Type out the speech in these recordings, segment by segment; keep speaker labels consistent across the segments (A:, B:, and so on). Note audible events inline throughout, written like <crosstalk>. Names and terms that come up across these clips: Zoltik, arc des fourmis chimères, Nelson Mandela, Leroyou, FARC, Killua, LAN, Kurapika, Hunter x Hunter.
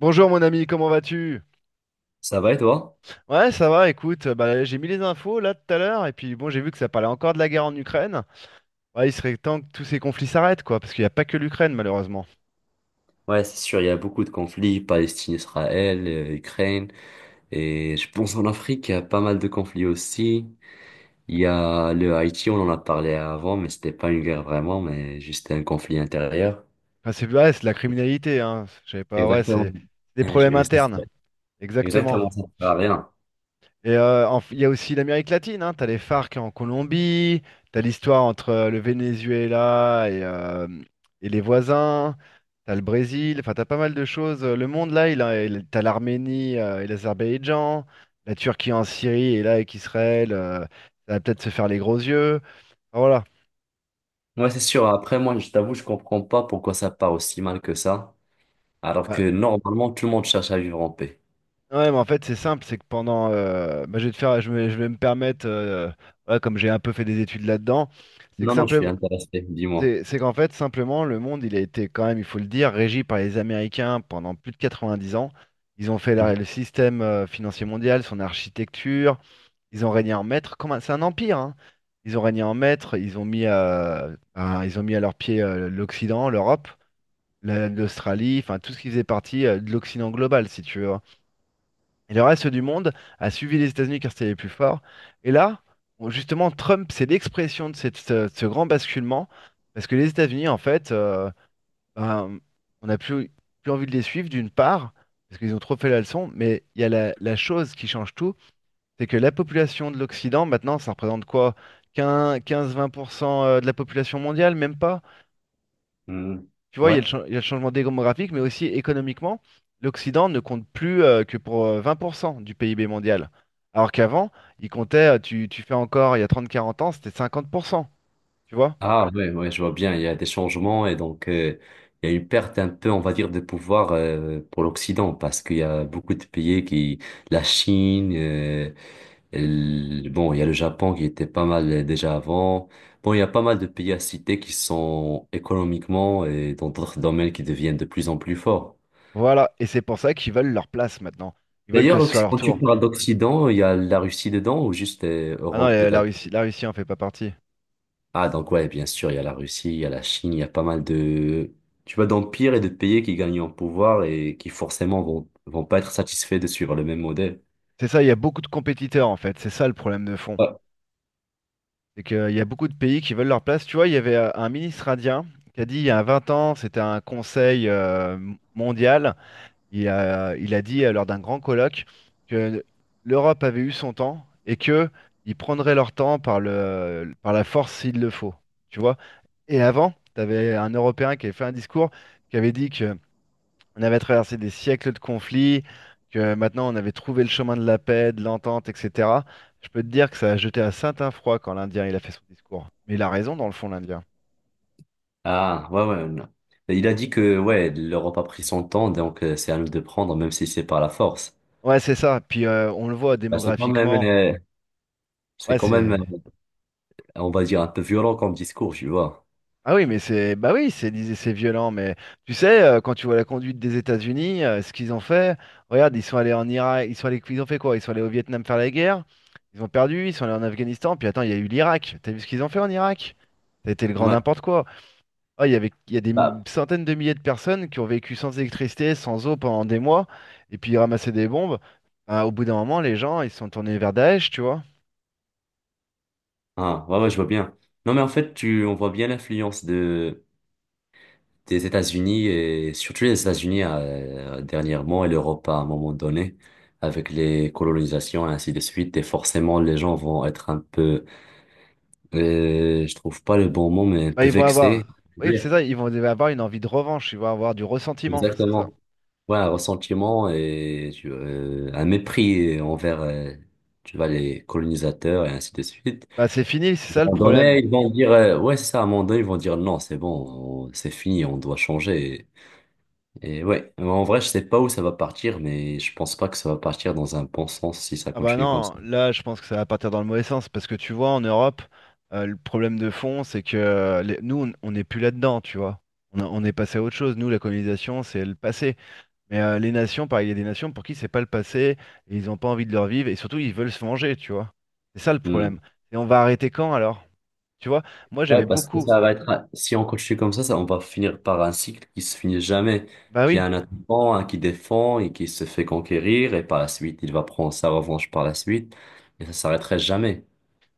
A: Bonjour mon ami, comment vas-tu?
B: Ça va et toi?
A: Ouais, ça va, écoute, bah, j'ai mis les infos là tout à l'heure, et puis bon, j'ai vu que ça parlait encore de la guerre en Ukraine. Ouais, il serait temps que tous ces conflits s'arrêtent, quoi, parce qu'il n'y a pas que l'Ukraine, malheureusement.
B: Ouais, c'est sûr, il y a beaucoup de conflits, Palestine, Israël, Ukraine, et je pense en Afrique, il y a pas mal de conflits aussi. Il y a le Haïti, on en a parlé avant, mais c'était pas une guerre vraiment, mais juste un conflit intérieur.
A: Enfin, c'est ouais, c'est de la criminalité, hein. Je savais pas, ouais,
B: Exactement.
A: c'est des
B: Ouais,
A: problèmes
B: je- ça
A: internes,
B: fait-
A: exactement.
B: Exactement, ça sert à rien.
A: Il y a aussi l'Amérique latine, hein. T'as les FARC en Colombie, t'as l'histoire entre le Venezuela et les voisins, t'as le Brésil, enfin t'as pas mal de choses. Le monde là, t'as l'Arménie et l'Azerbaïdjan, la Turquie en Syrie et là avec Israël, ça va peut-être se faire les gros yeux. Enfin, voilà.
B: Ouais, c'est sûr. Après, moi, je t'avoue, je comprends pas pourquoi ça part aussi mal que ça, alors
A: Bah,
B: que normalement, tout le monde cherche à vivre en paix.
A: ouais, mais en fait c'est simple, c'est que pendant, bah, je vais te faire, je vais me permettre, voilà, comme j'ai un peu fait des études là-dedans, c'est que
B: Non, non, je suis
A: simplement,
B: intéressé, dis-moi.
A: c'est qu'en fait, simplement, le monde, il a été quand même, il faut le dire, régi par les Américains pendant plus de 90 ans. Ils ont fait
B: Mhm.
A: le système financier mondial, son architecture. Ils ont régné en maître. C'est un empire, hein. Ils ont régné en maître. Ben, ils ont mis à leurs pieds l'Occident, l'Europe, l'Australie, enfin tout ce qui faisait partie de l'Occident global, si tu veux. Et le reste du monde a suivi les États-Unis car c'était les plus forts. Et là, bon, justement, Trump, c'est l'expression de ce grand basculement, parce que les États-Unis, en fait, ben, on n'a plus envie de les suivre, d'une part, parce qu'ils ont trop fait la leçon, mais il y a la chose qui change tout, c'est que la population de l'Occident, maintenant, ça représente quoi? 15-20% de la population mondiale, même pas?
B: Mhm.
A: Tu vois, il y a le,
B: Ouais.
A: cha- il y a le changement démographique, mais aussi économiquement, l'Occident ne compte plus que pour 20% du PIB mondial. Alors qu'avant, tu fais encore, il y a 30, 40 ans, c'était 50%. Tu vois?
B: Ah ouais, ouais, je vois bien, il y a des changements et donc il y a une perte un peu, on va dire, de pouvoir pour l'Occident parce qu'il y a beaucoup de pays la Chine, bon, il y a le Japon qui était pas mal déjà avant. Bon, il y a pas mal de pays à citer qui sont économiquement et dans d'autres domaines qui deviennent de plus en plus forts.
A: Voilà, et c'est pour ça qu'ils veulent leur place maintenant. Ils veulent que
B: D'ailleurs,
A: ce soit leur
B: quand tu
A: tour.
B: parles d'Occident, il y a la Russie dedans ou juste
A: Ah non,
B: Europe, peut...
A: la Russie en fait pas partie.
B: Ah, donc ouais, bien sûr, il y a la Russie, il y a la Chine, il y a pas mal de, tu vois, d'empires et de pays qui gagnent en pouvoir et qui forcément vont pas être satisfaits de suivre le même modèle.
A: C'est ça, il y a beaucoup de compétiteurs en fait, c'est ça le problème de fond.
B: Ouais.
A: C'est qu'il y a beaucoup de pays qui veulent leur place. Tu vois, il y avait un ministre indien qui a dit il y a 20 ans, c'était un conseil mondial. Il a dit lors d'un grand colloque que l'Europe avait eu son temps et que ils prendraient leur temps par la force s'il le faut. Tu vois? Et avant, tu avais un Européen qui avait fait un discours qui avait dit que on avait traversé des siècles de conflits, que maintenant on avait trouvé le chemin de la paix, de l'entente, etc. Je peux te dire que ça a jeté un certain froid quand l'Indien il a fait son discours. Mais il a raison dans le fond, l'Indien.
B: Ah, ouais, ouais, non. Mais il a dit que, ouais, l'Europe a pris son temps, donc c'est à nous de prendre, même si c'est par la force.
A: Ouais, c'est ça. Puis on le voit
B: Bah, c'est quand même,
A: démographiquement.
B: euh, c'est
A: Ouais,
B: quand même,
A: c'est
B: on va dire, un peu violent comme discours, tu vois.
A: ah oui, mais c'est, bah oui, c'est violent, mais tu sais, quand tu vois la conduite des États-Unis, ce qu'ils ont fait, regarde, ils sont allés en Irak, ils ont fait quoi? Ils sont allés au Vietnam faire la guerre, ils ont perdu, ils sont allés en Afghanistan, puis attends, il y a eu l'Irak. T'as vu ce qu'ils ont fait en Irak? Ça a été le grand
B: Ouais,
A: n'importe quoi. Ah, il y a des
B: bah,
A: centaines de milliers de personnes qui ont vécu sans électricité, sans eau pendant des mois, et puis ils ramassaient des bombes. Ah, au bout d'un moment, les gens, ils se sont tournés vers Daesh, tu vois.
B: ah, ouais, ouais, je vois bien. Non, mais en fait, on voit bien l'influence de, des États-Unis et surtout les États-Unis dernièrement et l'Europe à un moment donné avec les colonisations et ainsi de suite et forcément les gens vont être un peu je trouve pas le bon mot mais un
A: Bah,
B: peu vexés.
A: oui,
B: Yeah.
A: c'est ça, ils vont avoir une envie de revanche, ils vont avoir du ressentiment, c'est ça.
B: Exactement. Ouais, un ressentiment et un mépris envers tu vois les colonisateurs et ainsi de suite.
A: Bah c'est fini, c'est
B: À
A: ça le
B: un moment
A: problème.
B: donné ils vont dire ouais c'est ça, à un moment donné ils vont dire non c'est bon, c'est fini, on doit changer. Et ouais, mais en vrai, je sais pas où ça va partir, mais je pense pas que ça va partir dans un bon sens si ça
A: Ah bah
B: continue comme ça.
A: non, là je pense que ça va partir dans le mauvais sens parce que tu vois en Europe, le problème de fond c'est que nous on n'est plus là-dedans, tu vois. On est passé à autre chose. Nous la colonisation c'est le passé. Mais les nations, pareil, il y a des nations pour qui c'est pas le passé et ils n'ont pas envie de le revivre et surtout ils veulent se venger, tu vois. C'est ça le
B: Hmm.
A: problème. Et on va arrêter quand alors? Tu vois, moi
B: Ouais,
A: j'avais
B: parce que
A: beaucoup.
B: ça va être, si on continue comme ça, on va finir par un cycle qui se finit jamais.
A: Bah
B: Il y
A: oui.
B: a un attaquant, un qui défend et qui se fait conquérir, et par la suite, il va prendre sa revanche par la suite, et ça s'arrêterait jamais.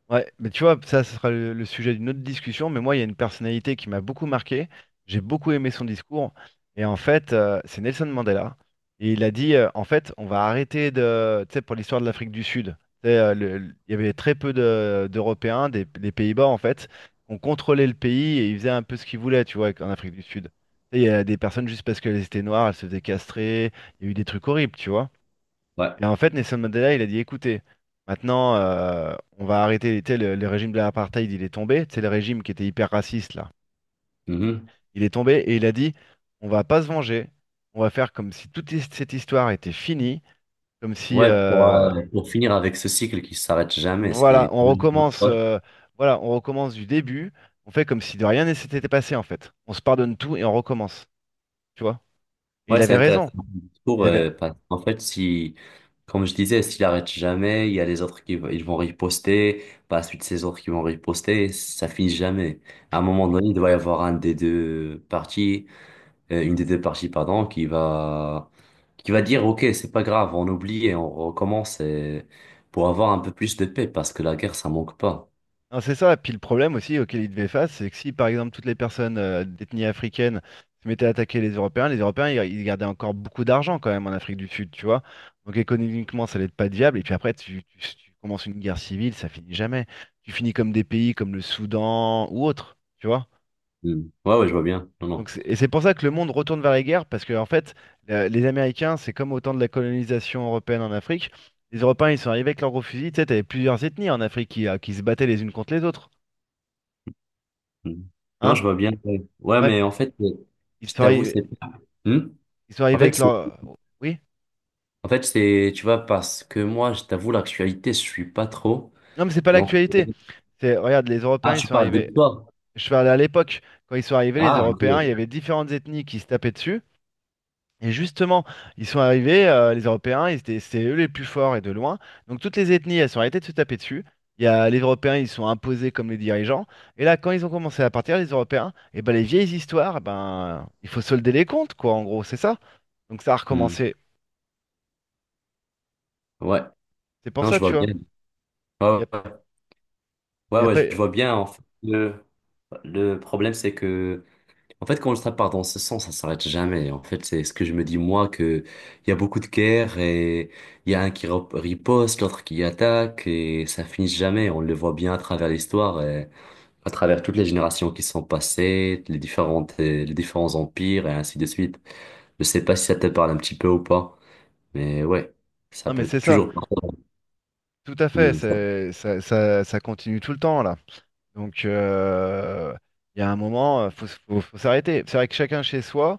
A: Ouais, mais tu vois, ça, ce sera le sujet d'une autre discussion. Mais moi, il y a une personnalité qui m'a beaucoup marqué. J'ai beaucoup aimé son discours. Et en fait, c'est Nelson Mandela. Et il a dit, en fait, on va arrêter de. Tu sais, pour l'histoire de l'Afrique du Sud, tu sais, il y avait très peu d'Européens, des Pays-Bas, en fait. On contrôlait le pays et ils faisaient un peu ce qu'ils voulaient, tu vois, en Afrique du Sud. Tu sais, il y a des personnes, juste parce qu'elles étaient noires, elles se faisaient castrer. Il y a eu des trucs horribles, tu vois.
B: Ouais.
A: Et en fait, Nelson Mandela, il a dit, écoutez, maintenant, on va arrêter, tu sais, le régime de l'apartheid, il est tombé, c'est le régime qui était hyper raciste, là.
B: Mhm.
A: Il est tombé et il a dit, on va pas se venger, on va faire comme si toute cette histoire était finie, comme si,
B: Ouais, pour finir avec ce cycle qui s'arrête jamais,
A: voilà,
B: c'est...
A: on recommence, euh, voilà, on recommence du début, on fait comme si de rien ne s'était passé, en fait. On se pardonne tout et on recommence, tu vois. Et il
B: Ouais, c'est
A: avait
B: intéressant
A: raison.
B: le
A: Il
B: discours,
A: avait,
B: parce qu'en fait, si, comme je disais, s'il arrête jamais, il y a les autres qui ils vont riposter, par la suite, ces autres qui vont riposter, ça finit jamais. À un moment donné, il doit y avoir un des deux parties, une des deux parties, pardon, qui va dire, OK, c'est pas grave, on oublie et on recommence, pour avoir un peu plus de paix, parce que la guerre, ça manque pas.
A: Non, c'est ça. Puis le problème aussi auquel ils devaient face, c'est que si par exemple toutes les personnes d'ethnie africaine se mettaient à attaquer les Européens ils gardaient encore beaucoup d'argent quand même en Afrique du Sud, tu vois. Donc économiquement ça allait être pas viable. Et puis après si tu commences une guerre civile, ça finit jamais. Tu finis comme des pays comme le Soudan ou autre, tu vois.
B: Mm. Ouais, ouais, je vois bien. Non,
A: Donc
B: non.
A: et c'est pour ça que le monde retourne vers les guerres parce que en fait les Américains c'est comme au temps de la colonisation européenne en Afrique. Les Européens ils sont arrivés avec leurs gros fusils. Tu sais, t'avais plusieurs ethnies en Afrique qui se battaient les unes contre les autres,
B: Mm. Non,
A: hein?
B: je vois bien. Ouais, ouais,
A: Ouais.
B: mais en fait,
A: Ils
B: je
A: sont
B: t'avoue,
A: arrivés,
B: c'est... Hmm?
A: ils sont
B: En
A: arrivés
B: fait,
A: avec
B: c'est
A: leur. Oui?
B: En fait, c'est, tu vois, parce que moi, je t'avoue, l'actualité, je suis pas trop.
A: Non, mais c'est pas
B: Donc,
A: l'actualité. Regarde, les
B: ah,
A: Européens, ils
B: tu
A: sont
B: parles de
A: arrivés.
B: toi.
A: Je parlais à l'époque, quand ils sont arrivés, les
B: Ah, ok. Ouais.
A: Européens, il y avait différentes ethnies qui se tapaient dessus. Et justement, ils sont arrivés, les Européens, c'est eux les plus forts et de loin. Donc toutes les ethnies, elles sont arrêtées de se taper dessus. Les Européens, ils sont imposés comme les dirigeants. Et là, quand ils ont commencé à partir, les Européens, et ben les vieilles histoires, eh ben il faut solder les comptes, quoi, en gros, c'est ça. Donc ça a
B: Hmm.
A: recommencé.
B: Ouais.
A: C'est pour
B: Non, je
A: ça,
B: vois
A: tu vois.
B: bien.
A: Il y
B: Ouais,
A: a,
B: ouais,
A: il
B: ouais,
A: y a
B: ouais,
A: pas.
B: je vois bien. En fait, le problème, c'est que, en fait, quand ça part dans ce sens, ça s'arrête jamais. En fait, c'est ce que je me dis, moi, que il y a beaucoup de guerres et il y a un qui riposte, l'autre qui attaque et ça finit jamais. On le voit bien à travers l'histoire, à travers toutes les générations qui sont passées, les différentes, les différents empires et ainsi de suite. Je sais pas si ça te parle un petit peu ou pas, mais ouais, ça
A: Non, mais
B: peut
A: c'est ça.
B: toujours.
A: Tout à fait,
B: Hmm, ça-
A: ça continue tout le temps là. Donc il y a un moment, faut s'arrêter. C'est vrai que chacun chez soi,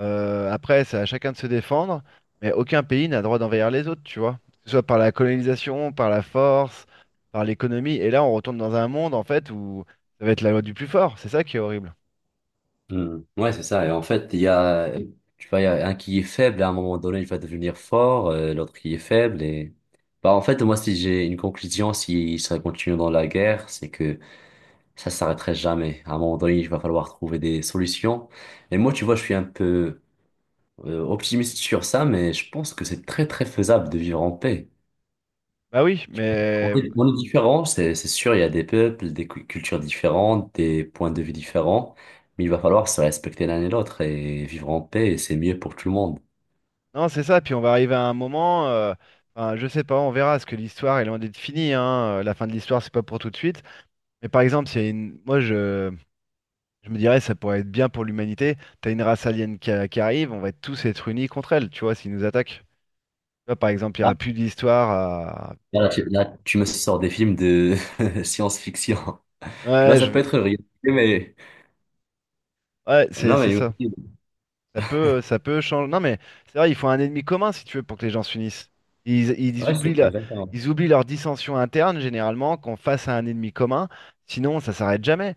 A: après c'est à chacun de se défendre, mais aucun pays n'a le droit d'envahir les autres, tu vois. Que ce soit par la colonisation, par la force, par l'économie. Et là on retourne dans un monde en fait où ça va être la loi du plus fort, c'est ça qui est horrible.
B: hmm. Ouais, c'est ça. Et en fait, il y a, tu vois, il y a un qui est faible, à un moment donné, il va devenir fort, l'autre qui est faible. Et bah, en fait, moi, si j'ai une conclusion, si ça continue dans la guerre, c'est que ça s'arrêterait jamais. À un moment donné, il va falloir trouver des solutions. Et moi, tu vois, je suis un peu optimiste sur ça, mais je pense que c'est très très faisable de vivre en paix.
A: Bah oui, mais
B: On est différents, c'est sûr, il y a des peuples, des cultures différentes, des points de vue différents, mais il va falloir se respecter l'un et l'autre et vivre en paix, et c'est mieux pour tout le monde.
A: non c'est ça, puis on va arriver à un moment, enfin, je sais pas, on verra, parce que l'histoire est loin d'être finie, hein. La fin de l'histoire c'est pas pour tout de suite. Mais par exemple, s'il y a une... moi je me dirais ça pourrait être bien pour l'humanité. T'as une race alien qui arrive, on va tous être unis contre elle, tu vois, s'ils nous attaquent. Tu vois, par exemple, il n'y aura plus d'histoire.
B: Là, là, tu, là, tu me sors des films de <laughs> science-fiction. Tu vois,
A: Ouais,
B: ça
A: je
B: peut
A: veux...
B: être réel, mais...
A: Ouais, c'est
B: Non,
A: c'est
B: mais...
A: ça. Ça peut changer. Non, mais c'est vrai, il faut un ennemi commun, si tu veux, pour que les gens s'unissent. Ils, ils
B: Ouais, c'est
A: oublient la-
B: exactement.
A: ils oublient leur dissension interne, généralement, qu'on face à un ennemi commun. Sinon, ça s'arrête jamais.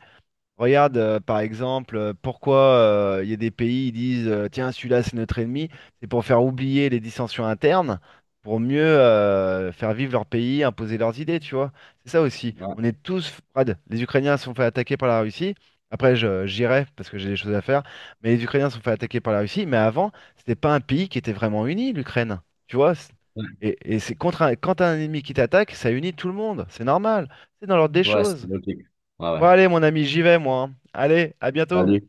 A: Regarde, par exemple, pourquoi il y a des pays qui disent tiens, celui-là c'est notre ennemi, c'est pour faire oublier les dissensions internes, pour mieux faire vivre leur pays, imposer leurs idées, tu vois. C'est ça aussi.
B: Ouais,
A: On est tous, Fred, les Ukrainiens se sont fait attaquer par la Russie. Après, j'irai parce que j'ai des choses à faire, mais les Ukrainiens se sont fait attaquer par la Russie. Mais avant, c'était pas un pays qui était vraiment uni, l'Ukraine. Tu vois?
B: ouais.
A: Et quand t'as un ennemi qui t'attaque, ça unit tout le monde. C'est normal. C'est dans l'ordre des
B: Ouais, c'est
A: choses.
B: logique. Ouais,
A: Bon,
B: ouais.
A: allez, mon ami, j'y vais, moi, hein. Allez, à bientôt.
B: Salut.